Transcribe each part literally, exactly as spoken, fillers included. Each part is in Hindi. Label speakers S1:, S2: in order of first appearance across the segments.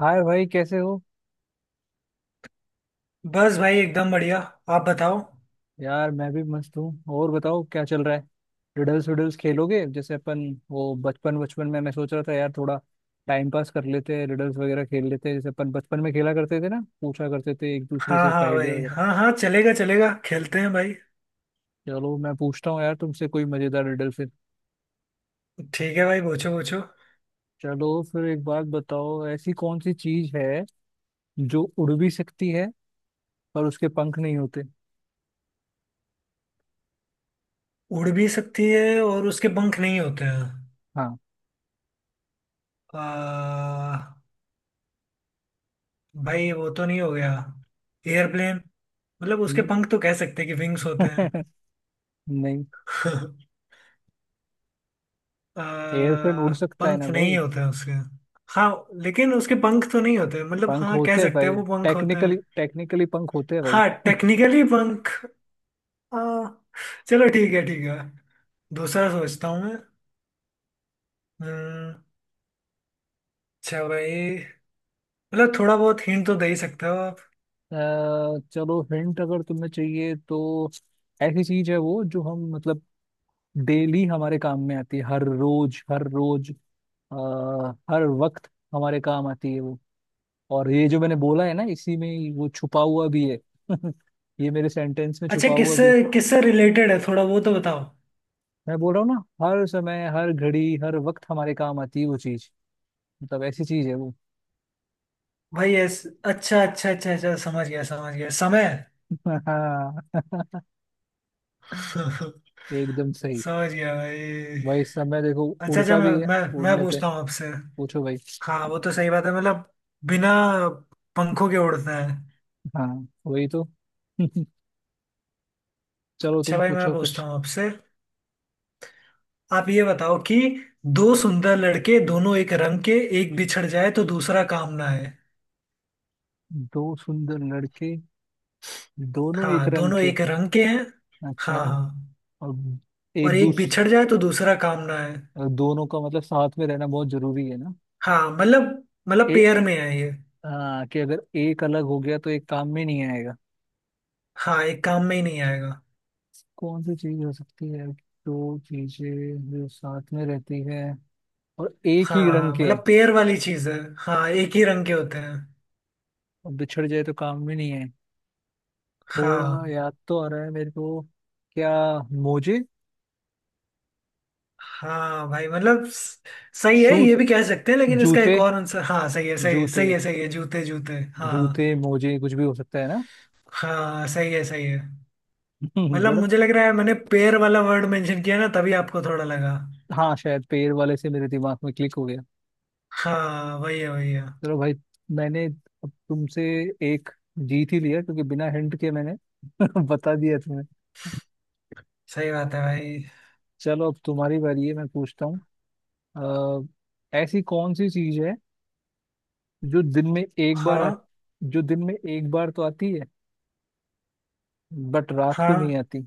S1: हाय भाई, कैसे हो?
S2: बस भाई, एकदम बढ़िया। आप बताओ।
S1: यार मैं भी मस्त हूँ, और बताओ क्या चल रहा है। रिडल्स विडल्स खेलोगे जैसे अपन, वो बचपन बचपन में? मैं सोच रहा था यार थोड़ा टाइम पास कर लेते हैं, रिडल्स वगैरह खेल लेते हैं, जैसे अपन बचपन में खेला करते थे ना, पूछा करते थे एक दूसरे
S2: हाँ
S1: से
S2: हाँ
S1: पहेलियाँ
S2: भाई,
S1: वगैरह।
S2: हाँ हाँ, चलेगा चलेगा, खेलते हैं भाई।
S1: चलो मैं पूछता हूँ यार तुमसे कोई मजेदार रिडल फिर।
S2: ठीक है भाई, पूछो पूछो।
S1: चलो फिर एक बात बताओ, ऐसी कौन सी चीज है जो उड़ भी सकती है पर उसके पंख नहीं होते।
S2: उड़ भी सकती है और उसके पंख नहीं होते हैं।
S1: हाँ।
S2: आ, भाई वो तो नहीं हो गया, एयरप्लेन? मतलब उसके
S1: हम्म।
S2: पंख तो कह सकते हैं कि विंग्स होते हैं।
S1: नहीं।
S2: आ,
S1: एयरप्लेन उड़ सकता है ना
S2: पंख
S1: भाई,
S2: नहीं होते हैं उसके। हाँ, लेकिन उसके पंख तो नहीं होते, मतलब
S1: पंख
S2: हाँ, कह
S1: होते हैं
S2: सकते हैं
S1: भाई।
S2: वो पंख होते हैं।
S1: टेक्निकली टेक्निकली पंख होते हैं भाई
S2: हाँ टेक्निकली पंख। हाँ, चलो ठीक है ठीक है। दूसरा सोचता हूँ मैं। हम्म। अच्छा भाई, मतलब थोड़ा बहुत हिंट तो दे ही सकते हो आप।
S1: अ, चलो हिंट अगर तुम्हें चाहिए तो, ऐसी चीज है वो जो हम मतलब डेली हमारे काम में आती है, हर रोज हर रोज। आ, हर वक्त हमारे काम आती है वो, और ये जो मैंने बोला है ना इसी में ही वो छुपा हुआ भी है ये मेरे सेंटेंस में
S2: अच्छा
S1: छुपा हुआ
S2: किससे,
S1: भी है।
S2: किससे रिलेटेड है थोड़ा वो तो बताओ।
S1: मैं बोल रहा हूँ ना, हर समय हर घड़ी हर वक्त हमारे काम आती है वो चीज, मतलब ऐसी चीज है वो
S2: भाई ऐस अच्छा अच्छा अच्छा अच्छा, समझ गया समझ गया, समय।
S1: हाँ एकदम सही।
S2: समझ गया भाई।
S1: भाई इस समय देखो,
S2: अच्छा अच्छा,
S1: उड़ता
S2: मैं
S1: भी है
S2: मैं मैं
S1: उड़ने पे।
S2: पूछता हूँ आपसे।
S1: पूछो भाई।
S2: हाँ वो तो सही बात है, मतलब बिना पंखों के उड़ता है।
S1: हाँ वही तो चलो
S2: अच्छा
S1: तुम
S2: भाई मैं
S1: पूछो
S2: पूछता
S1: कुछ।
S2: हूँ आपसे। आप ये बताओ कि, दो सुंदर लड़के दोनों एक रंग के, एक बिछड़ जाए तो दूसरा काम ना है।
S1: दो सुंदर लड़के, दोनों एक
S2: हाँ
S1: रंग
S2: दोनों
S1: के।
S2: एक रंग के हैं। हाँ
S1: अच्छा।
S2: हाँ।
S1: और
S2: और
S1: एक
S2: एक
S1: दूस
S2: बिछड़ जाए तो दूसरा काम ना है।
S1: दोनों का मतलब साथ में रहना बहुत जरूरी है ना।
S2: हाँ मतलब, मतलब
S1: ए
S2: पेयर में है ये।
S1: आ, कि अगर एक अलग हो गया तो एक काम में नहीं आएगा।
S2: हाँ एक काम में ही नहीं आएगा।
S1: कौन सी चीज हो सकती है? दो चीजें जो साथ में रहती है, और एक
S2: हाँ
S1: ही रंग
S2: हाँ,
S1: के
S2: मतलब
S1: हैं,
S2: पेयर वाली चीज है, हाँ एक ही रंग के होते हैं।
S1: और बिछड़ जाए तो काम में नहीं। थोड़ा
S2: हाँ
S1: याद तो आ रहा है मेरे को। क्या? मोजे।
S2: हाँ भाई, मतलब स- सही है, ये
S1: शूज,
S2: भी कह सकते हैं, लेकिन इसका एक
S1: जूते
S2: और आंसर। हाँ सही है सही है
S1: जूते।
S2: सही है सही है, जूते जूते हाँ।
S1: जूते मोजे कुछ भी हो सकता है ना
S2: हाँ सही है सही है। मतलब
S1: बड़ा।
S2: मुझे लग रहा है मैंने पेड़ वाला वर्ड मेंशन किया ना, तभी आपको थोड़ा लगा।
S1: हाँ शायद पैर वाले से मेरे दिमाग में क्लिक हो गया।
S2: हाँ वही है वही है।
S1: चलो भाई, मैंने अब तुमसे एक जीत ही लिया, क्योंकि बिना हिंट के मैंने बता दिया तुम्हें।
S2: सही बात है भाई।
S1: चलो अब तुम्हारी बारी है, मैं पूछता हूँ। अ, ऐसी कौन सी चीज है जो दिन में एक बार आ,
S2: हाँ
S1: जो दिन में एक बार तो आती है बट रात को
S2: हाँ।
S1: नहीं आती,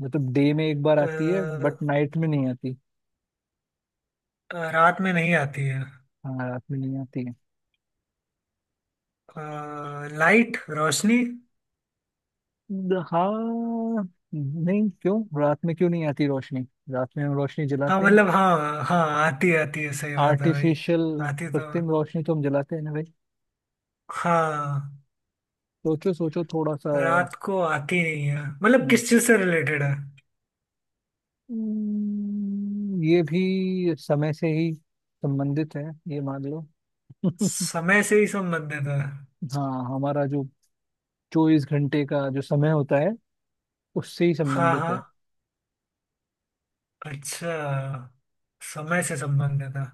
S1: मतलब डे में एक बार आती है
S2: अ,
S1: बट नाइट में नहीं आती।
S2: अ, रात में नहीं आती है।
S1: हाँ रात में नहीं आती है।
S2: लाइट, रोशनी।
S1: द- हाँ। नहीं, क्यों रात में क्यों नहीं आती रोशनी? रात में हम रोशनी
S2: हाँ
S1: जलाते हैं।
S2: मतलब हाँ हाँ आती है आती है, सही बात है भाई।
S1: आर्टिफिशियल,
S2: आती तो।
S1: कृत्रिम रोशनी तो हम जलाते हैं ना भाई।
S2: हाँ
S1: सोचो सोचो थोड़ा सा।
S2: रात को आती नहीं है, मतलब
S1: हम्म,
S2: किस चीज से रिलेटेड है?
S1: हम्म, ये भी समय से ही संबंधित है, ये मान लो
S2: समय से ही संबंधित है।
S1: हाँ हमारा जो चौबीस घंटे का जो समय होता है उससे ही
S2: हाँ
S1: संबंधित
S2: हाँ।
S1: है।
S2: अच्छा, समय से संबंधित है।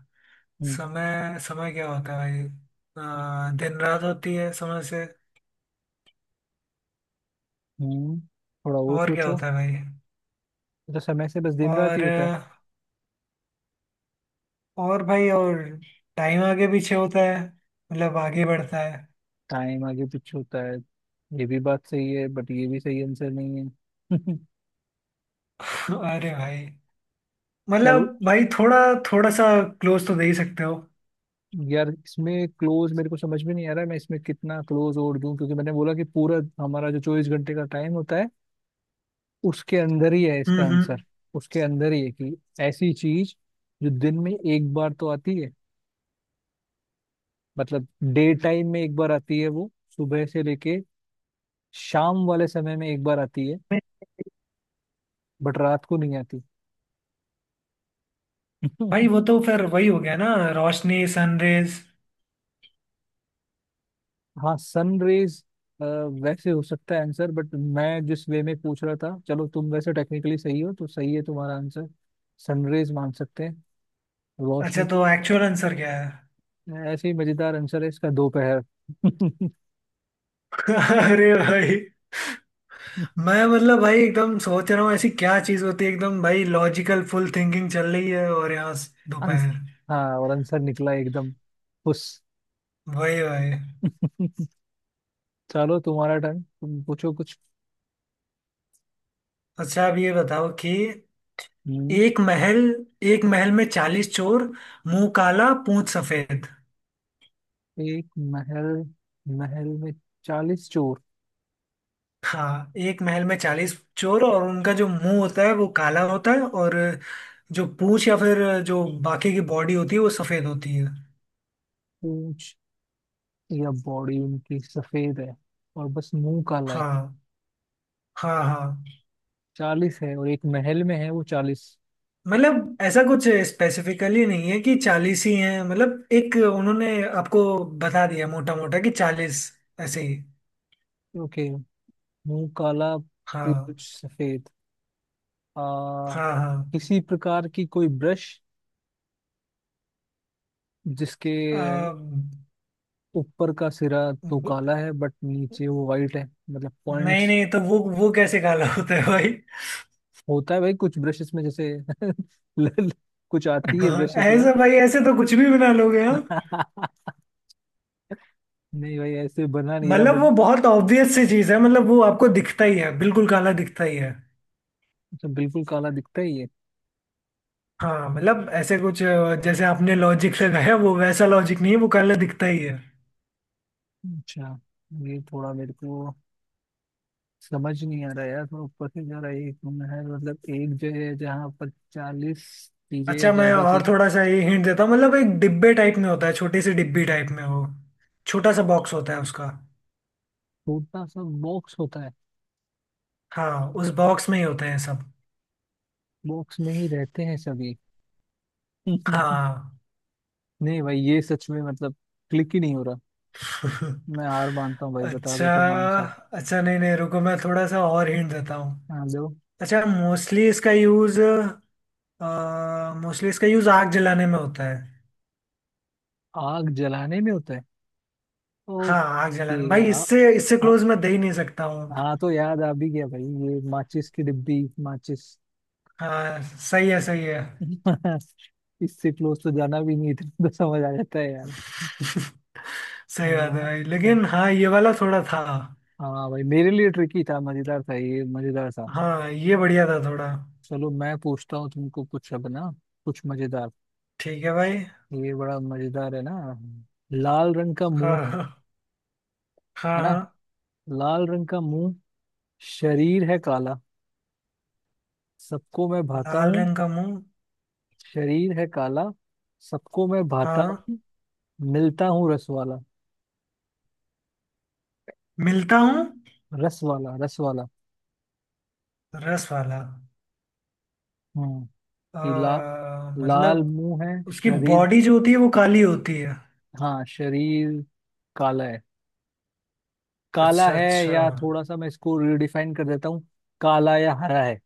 S1: हम्म
S2: समय, समय क्या होता है भाई, अ, दिन रात होती है समय से।
S1: हम्म, थोड़ा और
S2: और क्या
S1: सोचो।
S2: होता है भाई?
S1: तो समय से बस दिन रात ही
S2: और
S1: होता है?
S2: और भाई और टाइम आगे पीछे होता है, मतलब आगे बढ़ता है।
S1: टाइम आगे पीछे होता है? ये भी बात सही है बट ये भी सही आंसर नहीं है
S2: अरे भाई, मतलब
S1: चलो।
S2: भाई थोड़ा, थोड़ा सा क्लोज तो दे ही सकते हो।
S1: यार इसमें क्लोज मेरे को समझ में नहीं आ रहा है, मैं इसमें कितना क्लोज और दूं, क्योंकि मैंने बोला कि पूरा हमारा जो चौबीस घंटे का टाइम होता है उसके अंदर ही है
S2: हम्म
S1: इसका आंसर।
S2: हम्म
S1: उसके अंदर ही है, कि ऐसी चीज जो दिन में एक बार तो आती है, मतलब डे टाइम में एक बार आती है वो, सुबह से लेके शाम वाले समय में एक बार आती है, बट रात को नहीं
S2: भाई
S1: आती
S2: वो तो फिर वही हो गया ना, रोशनी, सनरेज।
S1: हाँ सन रेज वैसे हो सकता है आंसर, बट मैं जिस वे में पूछ रहा था, चलो तुम वैसे टेक्निकली सही हो तो सही है तुम्हारा आंसर, सनरेज मान सकते हैं,
S2: अच्छा
S1: रोशनी तो।
S2: तो एक्चुअल आंसर क्या है?
S1: ऐसे ही मजेदार आंसर है इसका, दोपहर
S2: अरे भाई, मैं मतलब भाई एकदम सोच रहा हूँ ऐसी क्या चीज होती है, एकदम भाई लॉजिकल फुल थिंकिंग चल रही है, और यहाँ स-
S1: आंस-
S2: दोपहर।
S1: हाँ और आंसर निकला एकदम खुश
S2: वही वही।
S1: चलो तुम्हारा टर्न तुम पूछो कुछ।
S2: अच्छा अब ये बताओ कि,
S1: हम्म।
S2: एक महल, एक महल में चालीस चोर, मुंह काला पूंछ सफेद।
S1: एक महल महल में चालीस चोर।
S2: हाँ एक महल में चालीस चोर, और उनका जो मुंह होता है वो काला होता है, और जो पूंछ या फिर जो बाकी की बॉडी होती है वो सफेद होती है।
S1: पूंछ या बॉडी उनकी सफेद है, और बस मुंह काला है।
S2: हाँ हाँ हाँ।
S1: चालीस है और एक महल में है वो चालीस।
S2: मतलब ऐसा कुछ स्पेसिफिकली नहीं है कि चालीस ही हैं, मतलब एक उन्होंने आपको बता दिया मोटा मोटा, कि चालीस, ऐसे ही।
S1: ओके। मुंह काला,
S2: हाँ
S1: पूंछ सफेद। आ
S2: हाँ हाँ।
S1: किसी प्रकार की कोई ब्रश, जिसके
S2: आ,
S1: ऊपर का सिरा तो
S2: ब-
S1: काला है बट नीचे वो वाइट है, मतलब
S2: नहीं
S1: पॉइंट्स।
S2: नहीं, तो वो वो कैसे काला होता है भाई?
S1: होता है भाई कुछ ब्रशेस में जैसे लल- कुछ आती है
S2: हाँ,
S1: ब्रशेस यार
S2: ऐसे भाई, ऐसे तो कुछ भी बना लोगे हाँ।
S1: नहीं भाई ऐसे बना नहीं रहा
S2: मतलब वो
S1: बट,
S2: बहुत ऑब्वियस सी चीज है, मतलब वो आपको दिखता ही है, बिल्कुल काला दिखता ही है।
S1: मतलब बिल्कुल काला दिखता ही है।
S2: हाँ मतलब ऐसे कुछ, अ, जैसे आपने लॉजिक लगाया वो वैसा लॉजिक नहीं है, वो काला दिखता ही है।
S1: अच्छा। ये थोड़ा मेरे को समझ नहीं आ रहा यार, थोड़ा ऊपर से जा रहा है। एक रूम है, मतलब एक जगह है जहाँ पर चालीस चीजें या
S2: अच्छा मैं
S1: ज्यादा
S2: और
S1: चीजें।
S2: थोड़ा सा ये हिंट देता हूँ, मतलब एक डिब्बे टाइप में होता है, छोटी सी डिब्बी टाइप में हो, छोटा सा बॉक्स होता है उसका।
S1: छोटा सा बॉक्स होता है,
S2: हाँ उस बॉक्स में ही होते हैं सब।
S1: बॉक्स में ही रहते हैं सभी नहीं
S2: हाँ।
S1: भाई ये सच में मतलब क्लिक ही नहीं हो रहा, मैं हार मानता हूँ भाई, बता
S2: अच्छा
S1: दो तुम आंसर।
S2: अच्छा नहीं नहीं, रुको मैं थोड़ा सा और हिंट देता हूँ।
S1: हाँ जो
S2: अच्छा मोस्टली इसका यूज, मोस्टली इसका यूज आग जलाने में होता है।
S1: आग जलाने में होता है।
S2: हाँ आग
S1: ओके।
S2: जलाने भाई,
S1: आ,
S2: इससे इससे
S1: आ,
S2: क्लोज मैं दे ही नहीं सकता हूँ।
S1: हाँ तो याद आ भी गया भाई, ये माचिस की डिब्बी, माचिस
S2: हाँ सही है सही है।
S1: इससे क्लोज तो जाना भी नहीं था तो समझ आ जाता है यार।
S2: सही बात है
S1: हाँ।
S2: भाई, लेकिन हाँ ये वाला थोड़ा था।
S1: हाँ भाई मेरे लिए ट्रिकी था, मजेदार था, ये मजेदार था।
S2: हाँ ये बढ़िया था थोड़ा।
S1: चलो मैं पूछता हूँ तुमको कुछ अब ना, कुछ मजेदार।
S2: ठीक है भाई।
S1: ये बड़ा मजेदार है ना, लाल रंग का
S2: हाँ
S1: मुंह,
S2: हाँ।
S1: है
S2: हाँ
S1: ना?
S2: हाँ।
S1: लाल रंग का मुंह, शरीर है काला, सबको मैं भाता
S2: लाल
S1: हूँ।
S2: रंग का मुंह।
S1: शरीर है काला, सबको मैं भाता
S2: हाँ।
S1: हूँ, मिलता हूँ रस वाला,
S2: मिलता हूँ।
S1: रस वाला रस वाला।
S2: रस वाला।
S1: हम्म।
S2: आ,
S1: ये ला, लाल
S2: मतलब
S1: मुंह है
S2: उसकी
S1: शरीर।
S2: बॉडी जो होती है वो काली होती है।
S1: हाँ शरीर काला है, काला
S2: अच्छा
S1: है,
S2: अच्छा।
S1: या थोड़ा सा मैं इसको रिडिफाइन कर देता हूँ, काला या हरा है,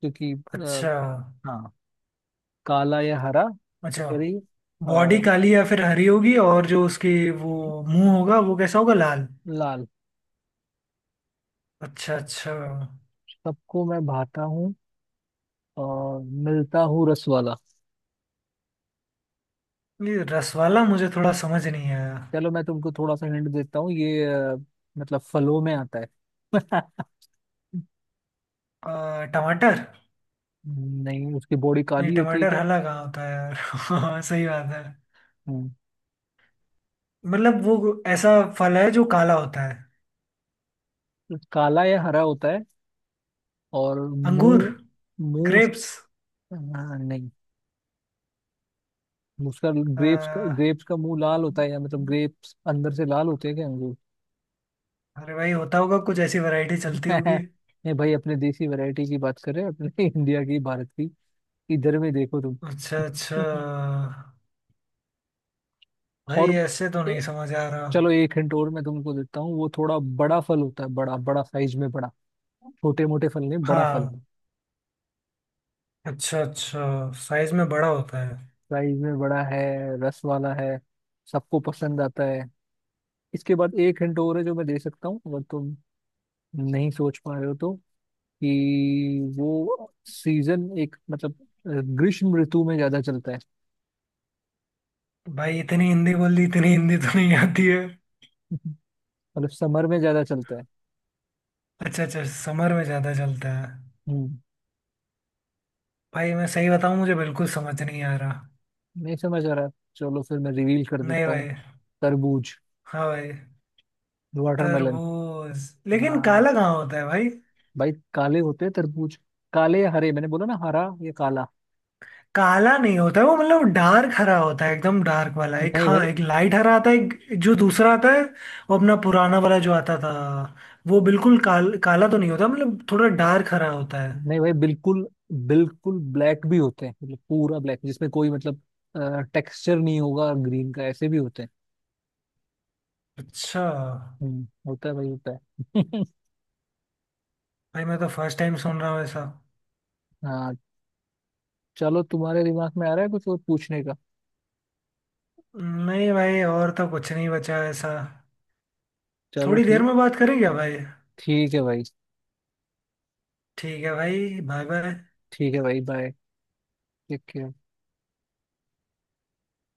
S1: क्योंकि अ,
S2: अच्छा
S1: हाँ काला या हरा,
S2: अच्छा,
S1: करी
S2: बॉडी
S1: और
S2: काली या फिर हरी होगी, और जो उसकी वो मुंह होगा वो कैसा होगा, लाल।
S1: लाल।
S2: अच्छा अच्छा।
S1: सबको मैं भाता हूँ और मिलता हूँ रस वाला।
S2: ये रस वाला मुझे थोड़ा समझ नहीं आया।
S1: चलो मैं तुमको थोड़ा सा हिंट देता हूँ, ये अ, मतलब फलों में आता है
S2: आ, टमाटर।
S1: नहीं उसकी बॉडी
S2: नहीं,
S1: काली होती है
S2: टमाटर
S1: क्या?
S2: हला कहाँ होता है यार? सही बात है,
S1: हम्म,
S2: मतलब वो ऐसा फल है जो काला होता है।
S1: काला या हरा होता है और
S2: अंगूर,
S1: मुंह, मुंह उस-
S2: ग्रेप्स।
S1: हाँ, नहीं उसका। ग्रेप्स का ग्रेप्स का मुंह लाल होता है, या मतलब
S2: अरे
S1: ग्रेप्स अंदर से लाल होते हैं क्या, अंगूर
S2: भाई होता होगा कुछ, ऐसी वैरायटी चलती होगी।
S1: नहीं भाई अपने देसी वैरायटी की बात कर रहे हैं अपने इंडिया की, भारत की, इधर में देखो तुम
S2: अच्छा अच्छा। भाई
S1: और
S2: ऐसे तो नहीं
S1: ए-
S2: समझ आ रहा।
S1: चलो एक हिंट और मैं तुमको देता हूँ, वो थोड़ा बड़ा फल होता है, बड़ा बड़ा, साइज में बड़ा, छोटे मोटे फल नहीं, बड़ा फल।
S2: हाँ, अच्छा अच्छा, साइज में बड़ा होता है।
S1: साइज में बड़ा है, रस वाला है, सबको पसंद आता है। इसके बाद एक हिंट और है जो मैं दे सकता हूँ अगर तुम नहीं सोच पा रहे हो तो, कि वो सीजन एक मतलब अ, ग्रीष्म ऋतु में ज्यादा चलता है
S2: भाई इतनी हिंदी बोल दी, इतनी हिंदी तो नहीं आती है।
S1: मतलब समर में ज्यादा चलता है।
S2: अच्छा अच्छा, समर में ज़्यादा चलता है।
S1: हम्म।
S2: भाई मैं सही बताऊँ, मुझे बिल्कुल समझ नहीं आ रहा।
S1: नहीं समझ आ रहा, चलो फिर मैं रिवील कर
S2: नहीं
S1: देता हूँ।
S2: भाई।
S1: तरबूज।
S2: हाँ भाई।
S1: वाटरमेलन।
S2: तरबूज लेकिन
S1: हाँ
S2: काला कहाँ होता है भाई?
S1: भाई काले होते हैं तरबूज, काले या हरे मैंने बोला ना, हरा या काला।
S2: काला नहीं होता है वो, मतलब डार्क हरा होता है, एकदम डार्क वाला एक,
S1: नहीं भाई,
S2: हाँ, एक लाइट हरा आता है एक, जो दूसरा आता है, वो अपना पुराना वाला जो आता था वो बिल्कुल काल, काला तो नहीं होता, मतलब थोड़ा डार्क हरा होता है।
S1: नहीं भाई बिल्कुल बिल्कुल ब्लैक भी होते हैं, मतलब पूरा ब्लैक जिसमें कोई मतलब टेक्सचर नहीं होगा ग्रीन का, ऐसे भी होते हैं।
S2: अच्छा।
S1: हम्म होता है भाई होता है
S2: भाई मैं तो फर्स्ट टाइम सुन रहा हूँ ऐसा।
S1: हाँ। चलो तुम्हारे दिमाग में आ रहा है कुछ और पूछने का?
S2: नहीं भाई और तो कुछ नहीं बचा ऐसा।
S1: चलो
S2: थोड़ी देर
S1: ठीक।
S2: में बात करें क्या भाई?
S1: ठीक है भाई,
S2: ठीक है भाई बाय बाय।
S1: ठीक है भाई बाय। Take care.